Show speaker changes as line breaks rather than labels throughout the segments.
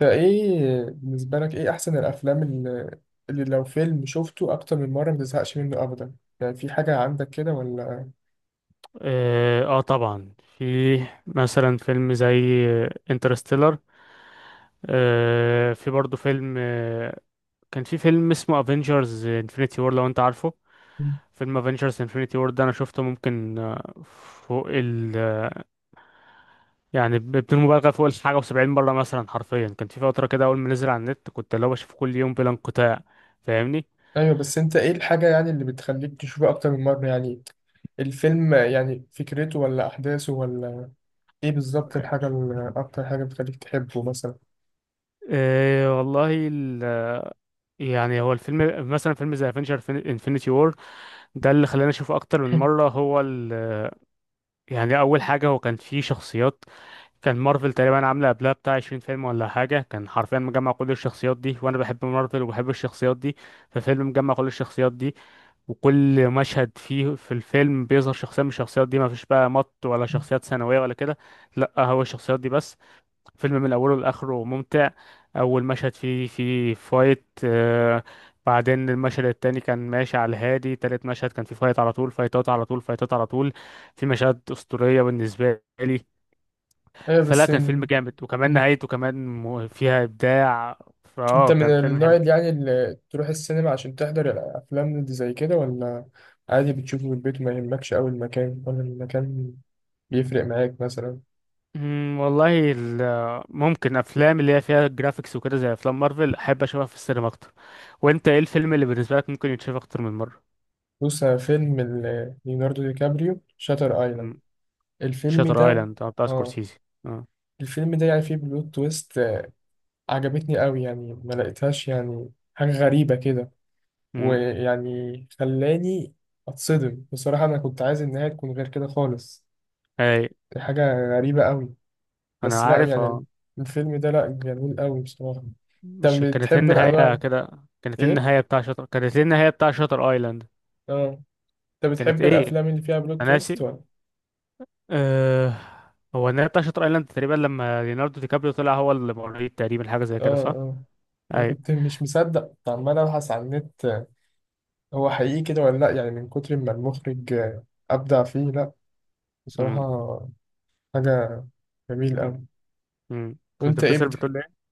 فايه بالنسبة لك ايه احسن الافلام اللي لو فيلم شفته اكتر من مرة ما تزهقش منه ابدا، يعني في حاجة عندك كده ولا؟
اه، آه، طبعا. في. مثلا فيلم زي انترستيلر. في برضو فيلم كان في فيلم اسمه افنجرز انفينيتي وور، لو انت عارفه.
مم.
فيلم افنجرز انفينيتي وور ده انا شفته ممكن، فوق ال آه، يعني بدون مبالغه، فوق الحاجه و70 مره مثلا، حرفيا. كان في فتره كده اول ما نزل على النت، كنت اللي هو بشوفه كل يوم بلا انقطاع. فاهمني؟
ايوه، بس انت ايه الحاجة يعني اللي بتخليك تشوفه اكتر من مرة؟ يعني الفيلم يعني فكرته ولا احداثه ولا ايه بالظبط الحاجة اللي اكتر حاجة بتخليك تحبه مثلا؟
والله يعني هو الفيلم، مثلا فيلم زي افنجر انفينيتي وور، ده اللي خلاني اشوفه اكتر من مره. هو ال يعني اول حاجه هو كان فيه شخصيات، كان مارفل تقريبا عامله قبلها بتاع 20 فيلم ولا حاجه، كان حرفيا مجمع كل الشخصيات دي، وانا بحب مارفل وبحب الشخصيات دي. ففيلم مجمع كل الشخصيات دي، وكل مشهد فيه في الفيلم بيظهر شخصيه من الشخصيات دي، ما فيش بقى مط ولا شخصيات ثانويه ولا كده، لا، هو الشخصيات دي بس. فيلم من اوله لاخره ممتع. اول مشهد فيه فايت، بعدين المشهد التاني كان ماشي على الهادي، تالت مشهد كان فيه فايت، على طول فايتات، على طول فايتات، على طول. في مشاهد اسطوريه بالنسبه لي.
ايوه.
فلا،
بس
كان فيلم
إن-
جامد، وكمان نهايته كمان فيها ابداع.
انت من
كان فيلم
النوع
حلو.
اللي يعني اللي تروح السينما عشان تحضر الافلام اللي زي كده، ولا عادي بتشوفه في البيت وما يهمكش قوي المكان، ولا المكان بيفرق معاك مثلا؟
والله ممكن افلام اللي هي فيها جرافيكس وكده زي افلام مارفل، احب اشوفها في السينما اكتر. وانت ايه الفيلم اللي بالنسبه لك ممكن يتشاف اكتر من مره؟
بص انا فيلم ليوناردو دي كابريو شاتر ايلاند.
أمم.
الفيلم
شاتر
ده.
ايلاند بتاع
اه.
سكورسيزي.
الفيلم ده يعني فيه بلوت تويست عجبتني قوي، يعني ما لقيتهاش يعني حاجة غريبة كده.
امم.
ويعني خلاني اتصدم بصراحة، انا كنت عايز النهاية تكون غير كده خالص.
اي.
دي حاجة غريبة قوي.
انا
بس لا
عارف، اه.
يعني الفيلم ده لا جميل قوي بصراحة.
مش
انت
كانت هي
بتحب
النهايه
الانواع
كده؟
ايه؟
كانت هي النهايه بتاع شطر ايلاند.
اه. انت
كانت
بتحب
ايه؟
الافلام اللي فيها بلوت
انا
تويست
ناسي.
ولا؟
أه... هو النهايه بتاع شطر ايلاند تقريبا، لما ليوناردو دي كابريو طلع هو اللي مريض تقريبا، حاجه زي
اه
كده، صح؟
اه. انا
اي.
كنت مش مصدق، عمال ابحث على النت هو حقيقي كده ولا لا، يعني من كتر ما المخرج ابدع فيه. لا
امم.
بصراحة حاجة جميل قوي.
كنت
وانت ايه
بتسأل، بتقول ايه؟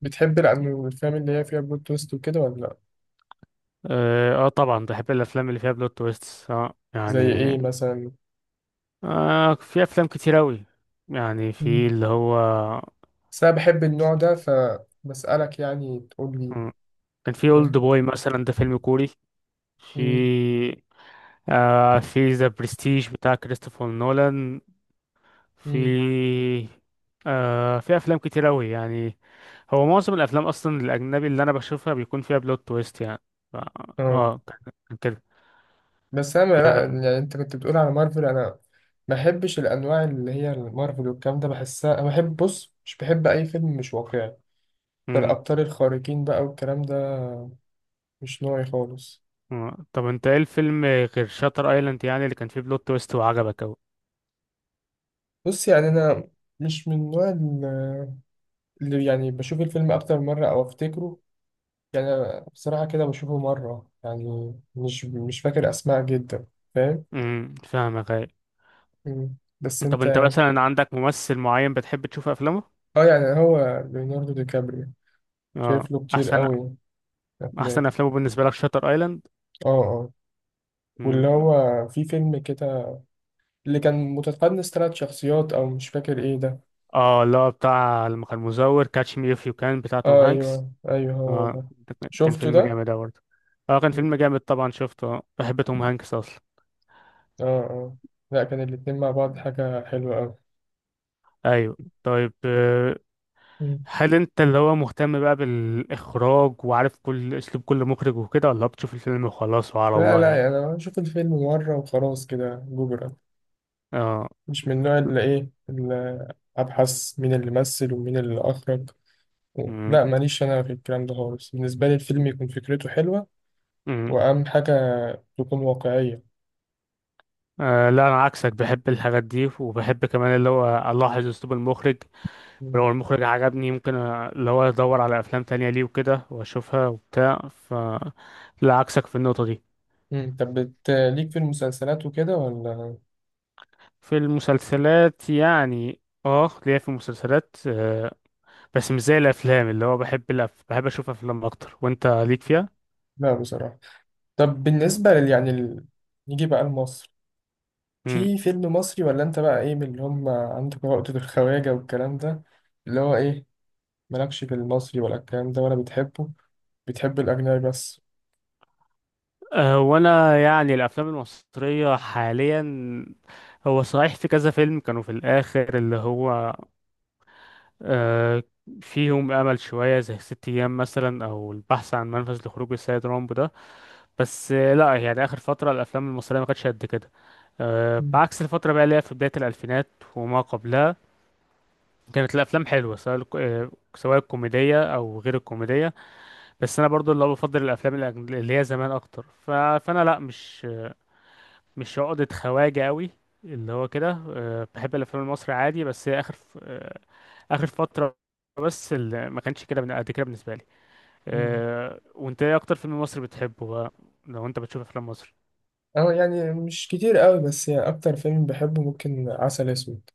بتحب الافلام اللي هي فيها بلوت تويست وكده ولا لا؟
اه، طبعا بحب الافلام اللي فيها بلوت تويست، اه،
زي
يعني.
ايه مثلا؟
في افلام كتير اوي، يعني. في
مم.
اللي هو.
بس انا بحب النوع ده، فبسألك يعني تقول لي.
مم. كان في اولد بوي مثلا، ده فيلم كوري. في
فاهم؟
في ذا برستيج بتاع كريستوفر نولان. في
مم.
في افلام كتير قوي، يعني. هو معظم الافلام اصلا الاجنبي اللي انا بشوفها بيكون فيها بلوت تويست، يعني. ف-
اه.
اه، كان كده.
بس انا لا، يعني انت كنت بتقول على مارفل، انا ما بحبش الانواع اللي هي مارفل والكلام ده، بحسها انا بحب، بص، مش بحب اي فيلم مش واقعي. ده
مم.
الابطال الخارقين بقى والكلام ده مش نوعي خالص.
آه. طب انت ايه الفيلم غير شاتر ايلاند، يعني، اللي كان فيه بلوت تويست وعجبك قوي؟
بص يعني انا مش من النوع اللي يعني بشوف الفيلم اكتر من مره او افتكره، يعني أنا بصراحه كده بشوفه مره، يعني مش مش فاكر اسماء جدا. فاهم؟
فاهمك، ايه.
مم. بس
طب
انت.
انت مثلا عندك ممثل معين بتحب تشوف افلامه؟
اه يعني هو ليوناردو دي كابريو
اه.
شايف له كتير
احسن
قوي
احسن
افلام.
افلامه بالنسبه لك شاتر
اه اه. واللي
ايلاند؟
هو في فيلم كده اللي كان متقدم 3 شخصيات، او مش فاكر ايه ده.
اه، لا، بتاع لما كان مزور، كاتش مي اف يو، كان بتاع توم
اه
هانكس.
ايوه ايوه، هو
اه،
ده.
كان
شفته
فيلم
ده.
جامد أوي برضه. اه، كان
مم.
فيلم جامد طبعا، شفته، بحب توم هانكس اصلا.
اه. اه. لا كان الاتنين مع بعض حاجة حلوة اوي.
ايوه. طيب،
مم.
هل انت اللي هو مهتم بقى بالاخراج وعارف كل اسلوب كل مخرج وكده، ولا بتشوف الفيلم وخلاص وعلى
لا
الله،
لا،
يعني؟
يعني انا بشوف الفيلم مرة وخلاص كده جبرا.
اه.
مش من النوع اللي ايه، اللي ابحث مين اللي مثل ومين اللي اخرج
مم.
لا ماليش انا في الكلام ده خالص. بالنسبة لي الفيلم يكون فكرته حلوة
مم.
واهم حاجة تكون واقعية.
لا، انا عكسك، بحب الحاجات دي، وبحب كمان اللي هو الاحظ اسلوب المخرج. ولو المخرج عجبني يمكن اللي هو ادور على افلام تانية ليه وكده واشوفها وبتاع. لا، عكسك في النقطة دي.
مم. طب ليك في المسلسلات وكده ولا؟
في المسلسلات، يعني، اه، ليا في المسلسلات، بس مش زي الافلام. اللي هو بحب بحب اشوف افلام اكتر. وانت ليك فيها؟
لا بصراحة. طب بالنسبة يعني نيجي بقى لمصر.
امم
في فيلم مصري ولا انت بقى ايه من اللي هم عندك عقدة الخواجة والكلام ده؟ اللي هو ايه، مالكش في المصري ولا الكلام ده، ولا بتحبه؟ بتحب الأجنبي بس؟
وانا، يعني، الافلام المصرية حاليا، هو صحيح في كذا فيلم كانوا في الاخر اللي هو، آه، فيهم أمل شوية، زي 6 أيام مثلا، أو البحث عن منفذ لخروج السيد رامبو ده. بس، لا، يعني، آخر فترة الأفلام المصرية ما كانتش قد كده.
مم.
بعكس الفترة بقى اللي هي في بداية الألفينات وما قبلها، كانت الأفلام حلوة، سواء سواء الكوميدية أو غير الكوميدية. بس أنا برضو اللي هو بفضل الأفلام اللي هي زمان أكتر. فأنا لا، مش عقدة خواجة قوي، اللي هو، كده. بحب الافلام المصري عادي، بس هي اخر اخر فترة بس اللي ما كانش كده قد كده بالنسبة لي.
مم.
وانت ايه اكتر فيلم مصري بتحبه بقى، لو انت بتشوف افلام مصري؟
اه يعني مش كتير قوي، بس يعني أكتر فيلم بحبه ممكن عسل أسود.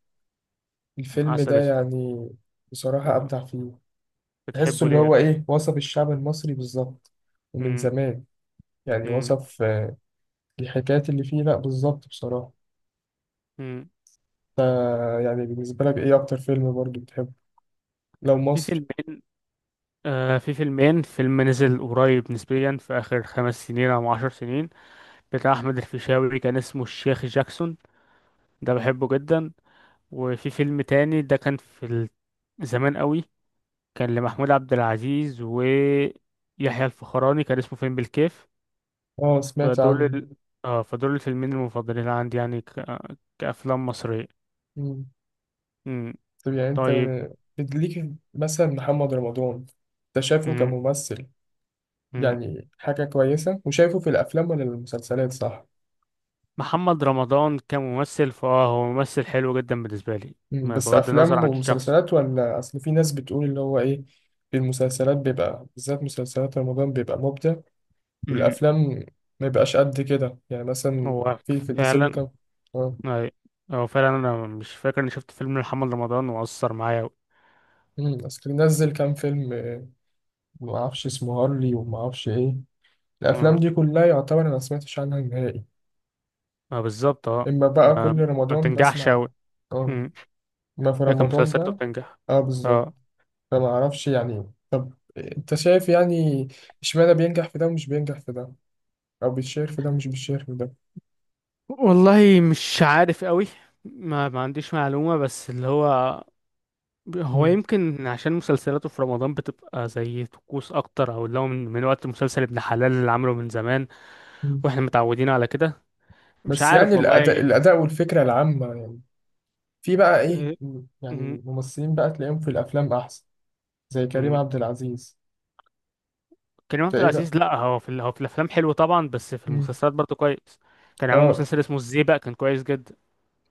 الفيلم
عسل
ده
اسود؟
يعني بصراحة
آه،
أبدع فيه. تحسه
بتحبه
اللي
ليه؟
هو ايه، وصف الشعب المصري بالظبط ومن
مم.
زمان. يعني
مم.
وصف الحكايات اللي فيه لا بالظبط، بصراحة.
مم.
يعني بالنسبة لك ايه اكتر فيلم برضو بتحبه لو
في
مصري؟
فيلمين. فيلم نزل قريب نسبيا في آخر 5 سنين أو 10 سنين، بتاع أحمد الفيشاوي، كان اسمه الشيخ جاكسون، ده بحبه جدا. وفي فيلم تاني ده كان في زمان قوي، كان لمحمود عبد العزيز ويحيى الفخراني، كان اسمه فيلم بالكيف.
اه، سمعت
فدول
عنه.
ال... اه فدول الفيلمين المفضلين عندي، يعني، كأفلام مصرية.
مم.
مم.
طب يعني انت
طيب.
ليك مثلا محمد رمضان، انت شايفه
مم.
كممثل
مم.
يعني حاجة كويسة، وشايفه في الافلام ولا المسلسلات، صح؟
محمد رمضان كممثل، هو ممثل حلو جدا بالنسبة لي،
مم.
ما
بس
بغض النظر
افلام
عن شخصه.
ومسلسلات ولا؟ اصل في ناس بتقول اللي هو ايه، في المسلسلات بيبقى بالذات مسلسلات رمضان بيبقى مبدع،
مم.
والافلام ما بيبقاش قد كده. يعني مثلا
هو
في في نزل له
فعلا.
كام. اه.
أي. هو فعلا انا مش فاكر اني شفت فيلم محمد رمضان وأثر معايا
مم. بس كان نزل كام فيلم ما اعرفش اسمه هارلي وما اعرفش ايه. الافلام
أوي.
دي كلها يعتبر انا ما سمعتش عنها نهائي.
ما بالظبط، اه.
اما بقى
ما
كل
ما
رمضان
بتنجحش
بسمع.
أوي.
اه.
مم.
ما في
لكن
رمضان
مسلسلاته
بقى.
بتنجح.
اه بالظبط.
اه،
فما اعرفش يعني. طب انت شايف يعني اشمعنى بينجح في ده ومش بينجح في ده، او بيتشهر في ده ومش بيتشهر في ده؟
والله مش عارف أوي، ما عنديش معلومة، بس اللي هو، هو
مم.
يمكن عشان مسلسلاته في رمضان بتبقى زي طقوس أكتر، أو اللي هو من وقت مسلسل ابن حلال اللي عمله من زمان.
مم.
واحنا متعودين على كده. مش
بس يعني
عارف
الاداء
والله.
الاداء والفكره العامه يعني في بقى ايه،
آه،
مم،
مم.
يعني ممثلين بقى تلاقيهم في الافلام احسن، زي كريم
مم.
عبد العزيز.
كريم عبد
انت ايه
العزيز، لا، هو في الأفلام حلو طبعا، بس في
مم.
المسلسلات برضه كويس. كان عامل
اه.
مسلسل اسمه الزيبق، كان كويس جدا.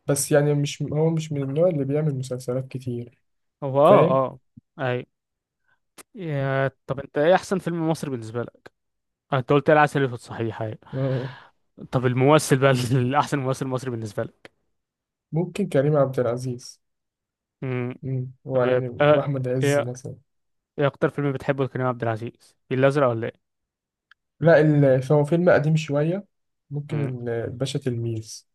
بس يعني مش، هو مش من النوع اللي بيعمل مسلسلات كتير.
هو، اه،
فاهم؟
اه. اي. طب انت ايه احسن فيلم مصري بالنسبه لك؟ انت قلت العسل الاسود، صحيح؟ أيوة.
آه،
طب الممثل بقى الاحسن ممثل مصري بالنسبه لك؟
ممكن كريم عبد العزيز.
امم.
مم. هو
طب،
يعني، واحمد عز
ايه
مثلا.
ايه اكتر فيلم بتحبه لكريم عبد العزيز، الفيل الازرق ولا ايه؟
لا فهو فيلم قديم شويه. ممكن
مم.
الباشا تلميذ.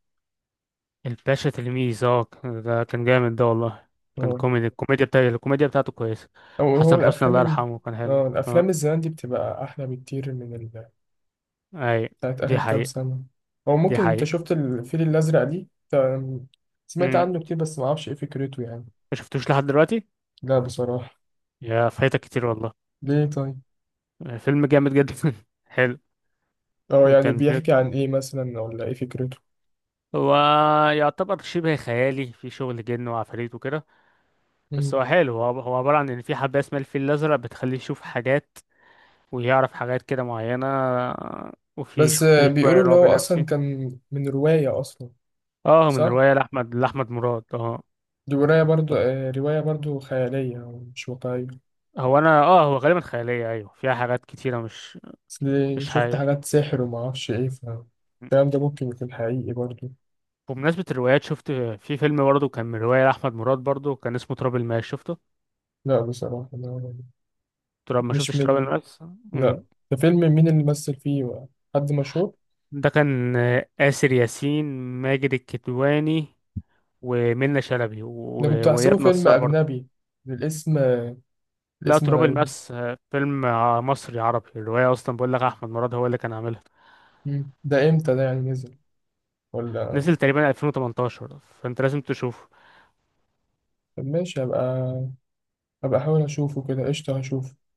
الباشا تلميذ، ده كان جامد ده والله. كان
آه.
كوميدي، الكوميديا بتاعته كويسه.
او هو
حسن حسني،
الافلام
الله يرحمه، كان حلو.
اه الافلام
اه.
الزمان دي بتبقى احلى بكتير من
اي.
بتاعت
دي
اخر كام
حقيقة.
سنه. او
دي
ممكن انت
حقيقة.
شفت الفيل الازرق دي سمعت
امم
عنه كتير بس ما اعرفش ايه فكرته يعني.
ما شفتوش لحد دلوقتي.
لا بصراحه.
فايتك كتير والله.
ليه طيب؟
فيلم جامد جدا حلو.
اه يعني
كان،
بيحكي عن ايه مثلا، ولا ايه فكرته؟
هو يعتبر شبه خيالي، في شغل جن وعفاريت وكده، بس هو حلو. هو عبارة عن إن في حبة اسمها الفيل الأزرق بتخليه يشوف حاجات، ويعرف حاجات كده معينة. وفي
بس
في
بيقولوا
شوية
اللي
رعب
هو أصلا
نفسي.
كان من رواية أصلا،
اه، من
صح؟
رواية لأحمد مراد، اه.
دي رواية برضو رواية برضو خيالية ومش واقعية.
هو، أنا، اه، هو غالبا خيالية، أيوه، فيها حاجات كتيرة، مش
أصل
مش
شفت
حقيقية.
حاجات سحر ومعرفش إيه، فالكلام ده ممكن يكون حقيقي برضو.
بمناسبة الروايات، شفت في فيلم برضه كان من رواية لأحمد مراد برضه، كان اسمه تراب الماس، شفته؟
لا بصراحة لا.
ما
مش
شفتش تراب
من
الماس؟
لا. ده فيلم مين اللي مثل فيه؟ حد مشهور؟
ده كان، آسر ياسين، ماجد الكدواني، ومنة شلبي،
أنا كنت أحسبه
وإياد
فيلم
نصار برضه.
أجنبي. الاسم
لا،
الاسم
تراب
غريب.
الماس فيلم مصري عربي. الرواية أصلا، بقول لك، أحمد مراد هو اللي كان عاملها.
مم. ده إمتى ده يعني نزل ولا؟
نزل تقريبا 2018، فأنت لازم تشوفه.
طب ماشي، هبقى هبقى أحاول أشوفه كده. قشطة، هشوفه.